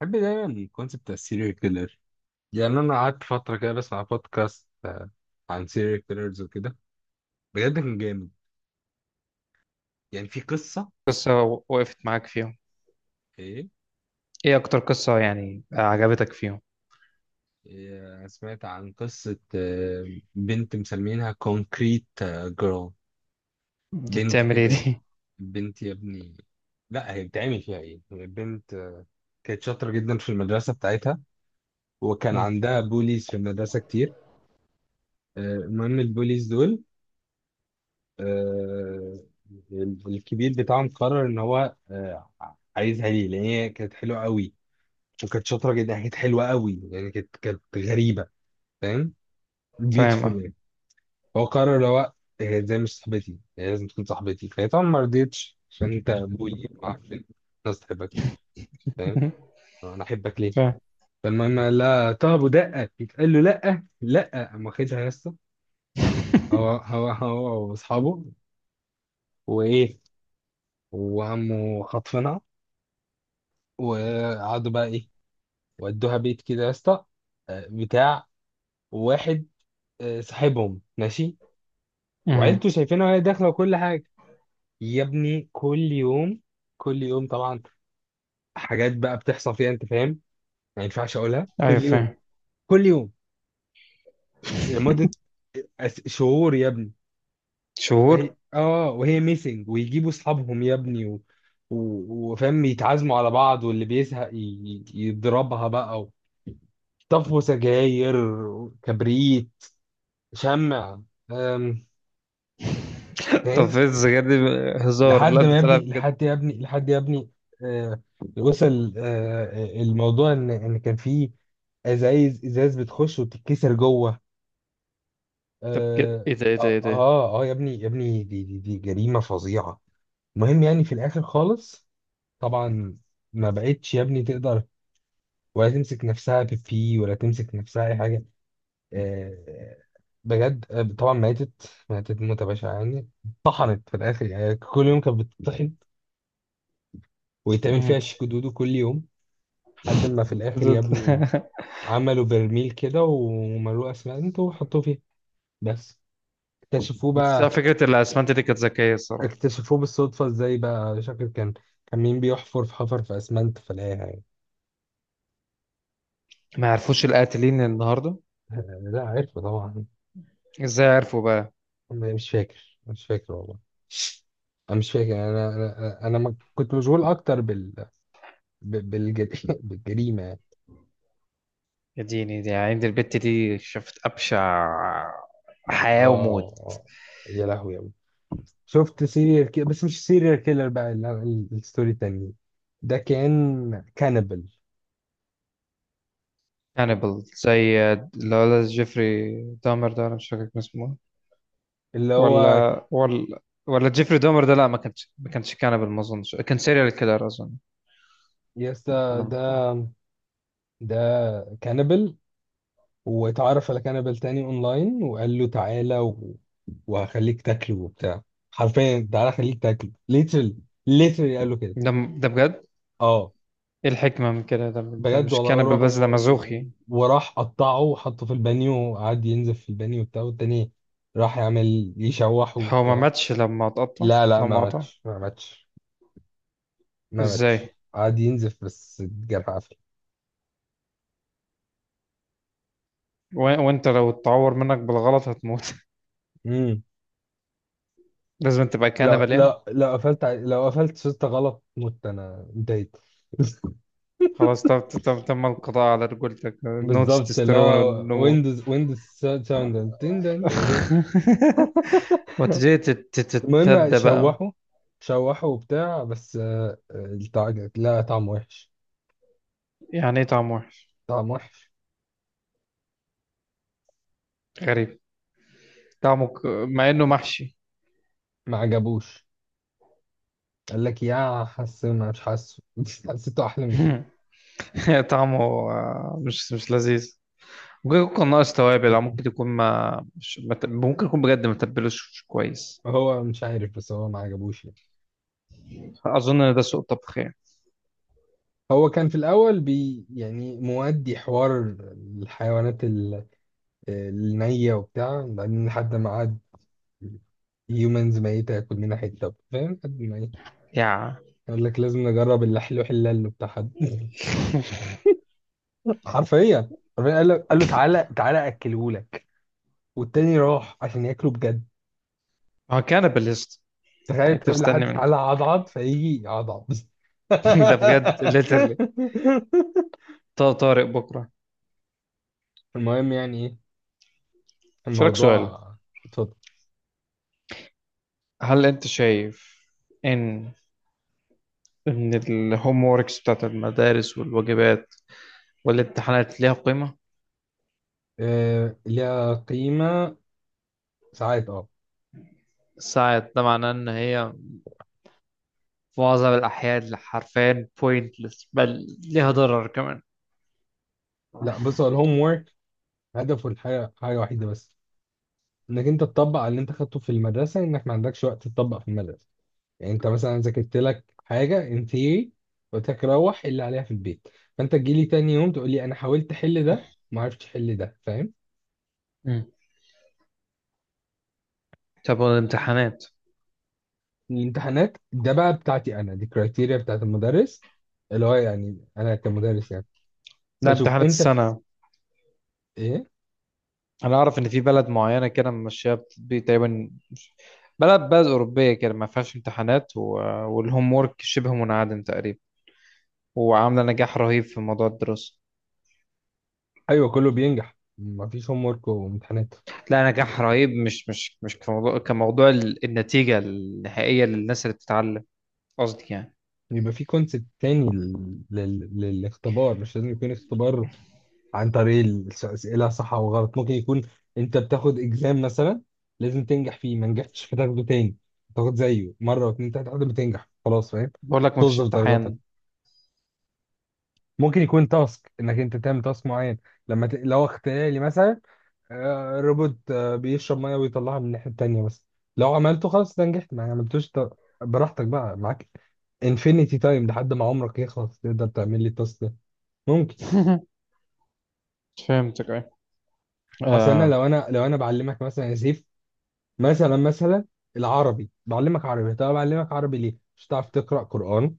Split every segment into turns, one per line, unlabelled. بحب دايما الكونسيبت بتاع السيريال كيلر. يعني انا قعدت فتره كده بسمع بودكاست عن سيريال كيلرز وكده. بجد كان جامد. يعني في قصه.
قصة وقفت معاك فيهم؟
ايه.
ايه اكتر قصة يعني عجبتك فيهم؟
إيه، سمعت عن قصه بنت مسمينها كونكريت جيرل.
دي
بنت
بتعمل ايه
كده،
دي؟
بنت يا ابني. لا هي بتعمل فيها ايه، هي بنت. كانت شاطره جدا في المدرسه بتاعتها، وكان
مم.
عندها بوليز في المدرسه كتير. المهم البوليز دول، آه، الكبير بتاعهم قرر ان هو عايزها، ليه؟ لان هي كانت حلوه قوي، وكانت شاطره جدا، كانت حلوه قوي يعني، كانت غريبه، فاهم؟
فاهم، اه.
بيوتيفول يعني. هو قرر اللي هو، هي ازاي مش صاحبتي؟ هي لازم تكون صاحبتي. فهي طبعا ما رضيتش، عشان انت ابوي معرفش، الناس تحبكش، فاهم؟ انا احبك ليه؟
فاهم.
فالمهم قال لها طب، ودقه يتقال له لا لا، قام واخدها يا اسطى. هو هو هو واصحابه، وايه، وعمه خطفنا، وقعدوا بقى ايه، ودوها بيت كده يا اسطى، بتاع واحد، صاحبهم ماشي،
مم.
وعيلته شايفينها وهي داخله وكل حاجه. يا ابني كل يوم، كل يوم طبعا حاجات بقى بتحصل فيها، انت فاهم، ما ينفعش اقولها. كل
ايوه،
يوم،
فاهم.
كل يوم، لمده شهور يا ابني.
شهور؟
وهي اه وهي ميسنج، ويجيبوا اصحابهم يا ابني و... و... وفاهم يتعازموا على بعض، واللي بيزهق يضربها بقى و... طفوا سجاير، كبريت، شمع، أم،
طب
فاهم.
فين السجاير دي؟ هزار؟ لا،
لحد ما
ده
يا
طلع
ابني،
بجد.
لحد يا ابني، لحد يا ابني، آه، وصل الموضوع ان كان في ازايز، ازاز بتخش وتتكسر جوه.
طب كده،
اه
ايه ده، ايه ده، ايه
اه،
ده؟
يا ابني يا ابني، دي جريمه فظيعه. المهم يعني في الاخر خالص، طبعا ما بقتش يا ابني تقدر، ولا تمسك نفسها بيبي، ولا تمسك نفسها اي حاجه. آه، بجد، طبعا ماتت، ماتت موتة بشعة يعني، طحنت في الآخر يعني، كل يوم كانت بتطحن، ويتعمل
مم.
فيها شيكو دودو كل يوم. لحد ما في الآخر يا ابني عملوا برميل كده، وملوه أسمنت وحطوه فيها بس. اكتشفوه
بس على
بقى،
فكرة الأسمنت دي كانت ذكية الصراحة.
اكتشفوه بالصدفة، ازاي بقى؟ شكل كان، كان مين بيحفر في، حفر في أسمنت فلاقيها.
ما يعرفوش القاتلين النهاردة.
يعني لا، عارفه طبعا.
ازاي عرفوا بقى؟
مش فاكر، مش فاكر والله. انا مش فاكر، انا انا انا أنا ما كنت مشغول اكتر بال، ب- بالج... بالجريمة اه.
يا ديني، دي عند البت دي شافت أبشع حياة وموت.
آه. يا لهوي أوي. شفت سيريال كيلر، بس مش سيريال كيلر بقى، الستوري التانية، ده كان كانبل.
هانيبال زي اللي هو جيفري دامر ده، انا مش فاكر كان اسمه إيه.
اللي هو،
ولا ولا ولا جيفري دامر ده، لا، ما كانش كانبل، ما اظنش كان سيريال كيلر، اظن.
يا اسطى
آه.
ده، ده كانبل. واتعرف على كانبل تاني اونلاين، وقال له تعالى و... وهخليك تاكله وبتاع، حرفيا تعالى خليك تاكله، ليترلي، ليترلي قال له كده.
ده ده بجد؟
اه
ايه الحكمة من كده ده؟ ده
بجد
مش
والله،
كانبل
راح و...
بس، ده
و...
مزوخي.
وراح قطعه وحطه في البانيو، وقعد ينزف في البانيو وبتاع، والتاني راح يعمل يشوحه
هو ما
وبتاع.
ماتش لما اتقطع؟
لا لا، ما
لما قطع
ماتش ما ماتش ما ماتش.
ازاي؟
قعد ينزف بس الجرح قفل.
وانت لو اتعور منك بالغلط هتموت.
امم
لازم تبقى
لو
كانبل يعني.
لو لو لو قفلت شطة غلط، مت، انا انتهيت.
خلاص، تم القضاء على رجولتك، نو
بالظبط. لا،
تستوستيرون والنمو.
ويندوز، ويندوز ساوند تن- تن- تن-
وتجي
المهم
تتثدى بقى.
شوحه، شوحه وبتاع، بس لا طعم وحش،
يعني ايه طعم وحش؟
طعم وحش،
غريب. طعمه مع انه محشي.
ما عجبوش. قال لك يا حاسه، ما مش حاسه، حسيته احلى من كده.
طعمه آه، مش لذيذ. ممكن يكون ناقص توابل، او ممكن يكون ما مش ما ت- ممكن يكون بجد ما تبلوش كويس.
هو مش عارف، بس هو ما عجبوش يعني.
اظن ان ده سوء طبخ يعني.
هو كان في الاول بي يعني مودي حوار الحيوانات النية وبتاع، بعدين لحد ما قعد هيومنز ميتة، ياكل منها حتة، فاهم، لحد ما ايه،
يا
قال لك لازم نجرب اللحلو حلال بتاع حد. حرفيا حرفيا، قال له، قال له تعالى، تعالى اكلهولك، والتاني راح عشان ياكله بجد.
هو كان بالليست.
تخيل
يعني انت
تقول
مستني
لحد
منه.
تعالى عضعض، فيجي يعضعض.
ده بجد ليترلي. طارق بكره.
المهم يعني ايه
شارك سؤال.
الموضوع. اتفضل.
هل انت شايف ان ان الهوم ووركس بتاعت المدارس والواجبات والامتحانات ليها قيمة؟
آه ليها قيمة، ساعات اه.
ساعات، ده معناه ان هي في معظم الاحيان حرفيا بوينتلس، بل ليها ضرر كمان.
لا بص، هو الهوم ورك هدفه الحاجة، حاجة وحيدة بس، انك انت تطبق على اللي انت خدته في المدرسة، انك ما عندكش وقت تطبق في المدرسة. يعني انت مثلا ذاكرت لك حاجة ان ثيوري، قلت لك روح اللي عليها في البيت، فانت تجي لي تاني يوم تقول لي انا حاولت احل ده، ما عرفتش احل ده، فاهم.
مم. طب والامتحانات؟
الامتحانات ده بقى بتاعتي انا، دي كرايتيريا بتاعت المدرس، اللي هو يعني انا كمدرس يعني
لا،
بشوف
امتحانات
انت في
السنة.
ايه.
انا اعرف ان في بلد معينة كده ماشية بتطبيق تقريبا، بلد اوروبية كده، ما فيهاش امتحانات، و... والهوم وورك شبه منعدم تقريبا، وعاملة نجاح رهيب في موضوع الدراسة.
ايوه كله بينجح مفيش هوم ورك وامتحانات.
لا، نجاح رهيب، مش كموضوع النتيجة النهائية للناس اللي بتتعلم. قصدي يعني.
يبقى في كونسيبت تاني للاختبار. مش لازم يكون اختبار عن طريق الأسئلة صح أو غلط. ممكن يكون أنت بتاخد إكزام مثلا، لازم تنجح فيه، ما نجحتش فتاخده تاني، تاخد زيه مرة واتنين تلاتة لحد ما تنجح خلاص، فاهم.
بقول لك ما فيش
توظف درجاتك.
امتحان.
ممكن يكون تاسك، انك انت تعمل تاسك معين، لما ت... لو اختياري مثلا، روبوت بيشرب ميه ويطلعها من الناحيه التانيه بس، لو عملته خلاص ده نجحت، ما عملتوش ت...، براحتك بقى، معاك انفينيتي تايم لحد ما عمرك يخلص، تقدر تعمل لي التاسك ده ممكن.
فهمتك، ايه.
اصل انا،
آه.
لو انا بعلمك مثلا يا سيف، مثلا، مثلا، العربي، بعلمك عربي، طب بعلمك عربي ليه؟ مش هتعرف تقرا قران،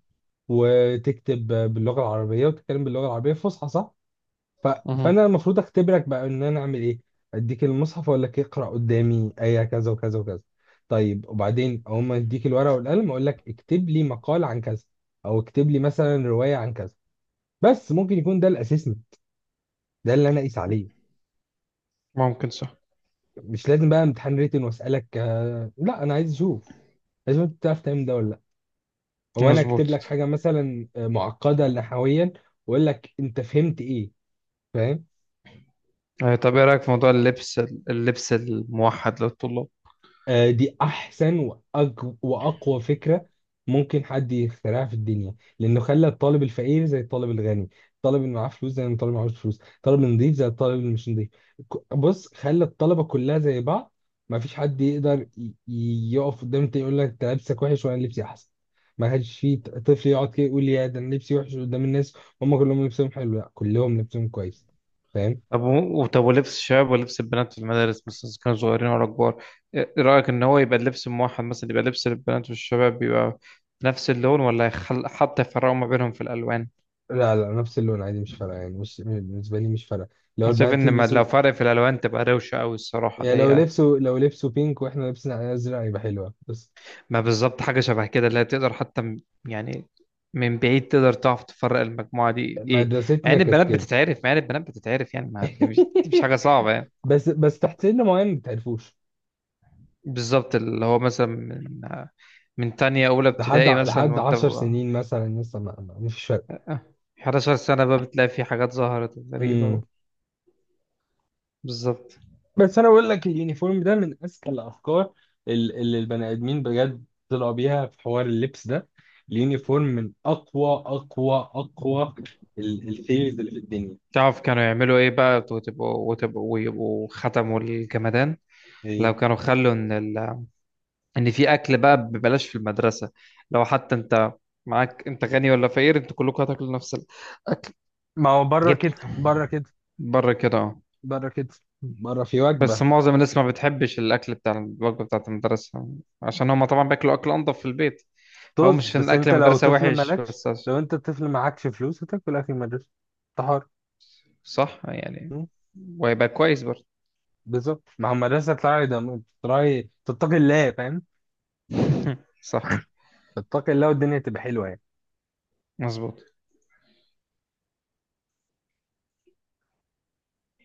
وتكتب باللغه العربيه، وتتكلم باللغه العربيه الفصحى، صح؟ ف...
مهم.
فانا المفروض اختبرك بقى، ان انا اعمل ايه، اديك المصحف واقول لك اقرا قدامي ايه، كذا وكذا وكذا. طيب وبعدين اول ما اديك الورقه والقلم اقول لك اكتب لي مقال عن كذا، او اكتب لي مثلا روايه عن كذا. بس ممكن يكون ده الاساسي، ده اللي انا اقيس عليه.
ممكن، صح.
مش لازم بقى امتحان ريتن واسالك لا، انا عايز اشوف لازم انت تعرف تعمل ده ولا لا. او انا اكتب لك
مظبوط.
حاجه مثلا معقده نحويا واقول لك انت فهمت ايه، فاهم.
آه. طب ايه رأيك في موضوع اللبس، اللبس الموحد للطلاب؟
دي احسن واقوى فكره ممكن حد يخترعها في الدنيا، لانه خلى الطالب الفقير زي الطالب الغني، الطالب اللي معاه فلوس زي الطالب اللي معهوش فلوس، الطالب النظيف زي الطالب اللي مش نظيف. بص خلى الطلبه كلها زي بعض، ما فيش حد يقدر يقف قدام التاني يقول لك انت لبسك وحش وانا لبسي احسن. ما كانش في طفل يقعد كده يقول يا ده انا لبسي وحش قدام الناس، هم كلهم لبسهم حلو، لا كلهم لبسهم كويس، فاهم.
طب ولبس الشباب ولبس البنات في المدارس مثلا، إذا كانوا صغيرين ولا كبار، إيه رأيك ان هو يبقى اللبس الموحد مثلا، يبقى لبس البنات والشباب يبقى نفس اللون، ولا حتى يفرقوا ما بينهم في الألوان؟
لا لا، نفس اللون عادي مش فارقه يعني، مش بالنسبه لي مش فارقه. لو
أنا شايف
البنات
ان لو
يلبسوا
فرق في الالوان تبقى روشه قوي الصراحه،
يعني،
اللي
لو
هي
لبسوا لو لبسوا بينك، واحنا لابسين علينا ازرق، هيبقى حلوه بس.
ما بالظبط، حاجه شبه كده، اللي هي تقدر حتى يعني من بعيد تقدر تعرف تفرق المجموعه دي ايه.
مدرستنا كانت كده.
مع ان البنات بتتعرف، يعني ما دي، مش حاجه صعبه يعني.
بس بس تحت سن معين ما تعرفوش.
بالظبط، اللي هو مثلا من تانية اولى
لحد
ابتدائي مثلا،
لحد
وانت
10 سنين مثلا لسه مفيش فرق.
11 سنه بقى بتلاقي في حاجات ظهرت
امم
غريبه. بالظبط.
بس انا بقول لك اليونيفورم ده من اذكى الافكار اللي البني ادمين بجد طلعوا بيها، في حوار اللبس ده اليونيفورم من اقوى اقوى اقوى الثيريز اللي في الدنيا.
تعرف كانوا يعملوا ايه بقى؟ وتبقوا وتبقوا ويبقوا ختموا الجمدان.
إيه؟
لو كانوا خلوا ان ان في اكل بقى ببلاش في المدرسه، لو حتى انت معاك، انت غني ولا فقير، انتوا كلكم هتاكلوا نفس الاكل.
ما هو بره
جبت.
كده، بره كده،
بره كده، اه.
بره كده، بره في
بس
وجبه.
معظم الناس ما بتحبش الاكل بتاع الوجبه بتاعت المدرسه، عشان هما طبعا بياكلوا اكل انضف في البيت. فهو مش
طز،
عشان
بس
الاكل
انت لو
المدرسه
طفل
وحش
مالكش،
بس،
لو انت طفل معكش فلوس هتاكل اكل المدرسه، انت حر.
صح يعني.
مم.
وهيبقى كويس برضه.
بالظبط، مع المدرسه تطلعي ده، تطلعي تتقي الله، فاهم،
صح.
تتقي الله، والدنيا تبقى حلوه يعني.
مظبوط.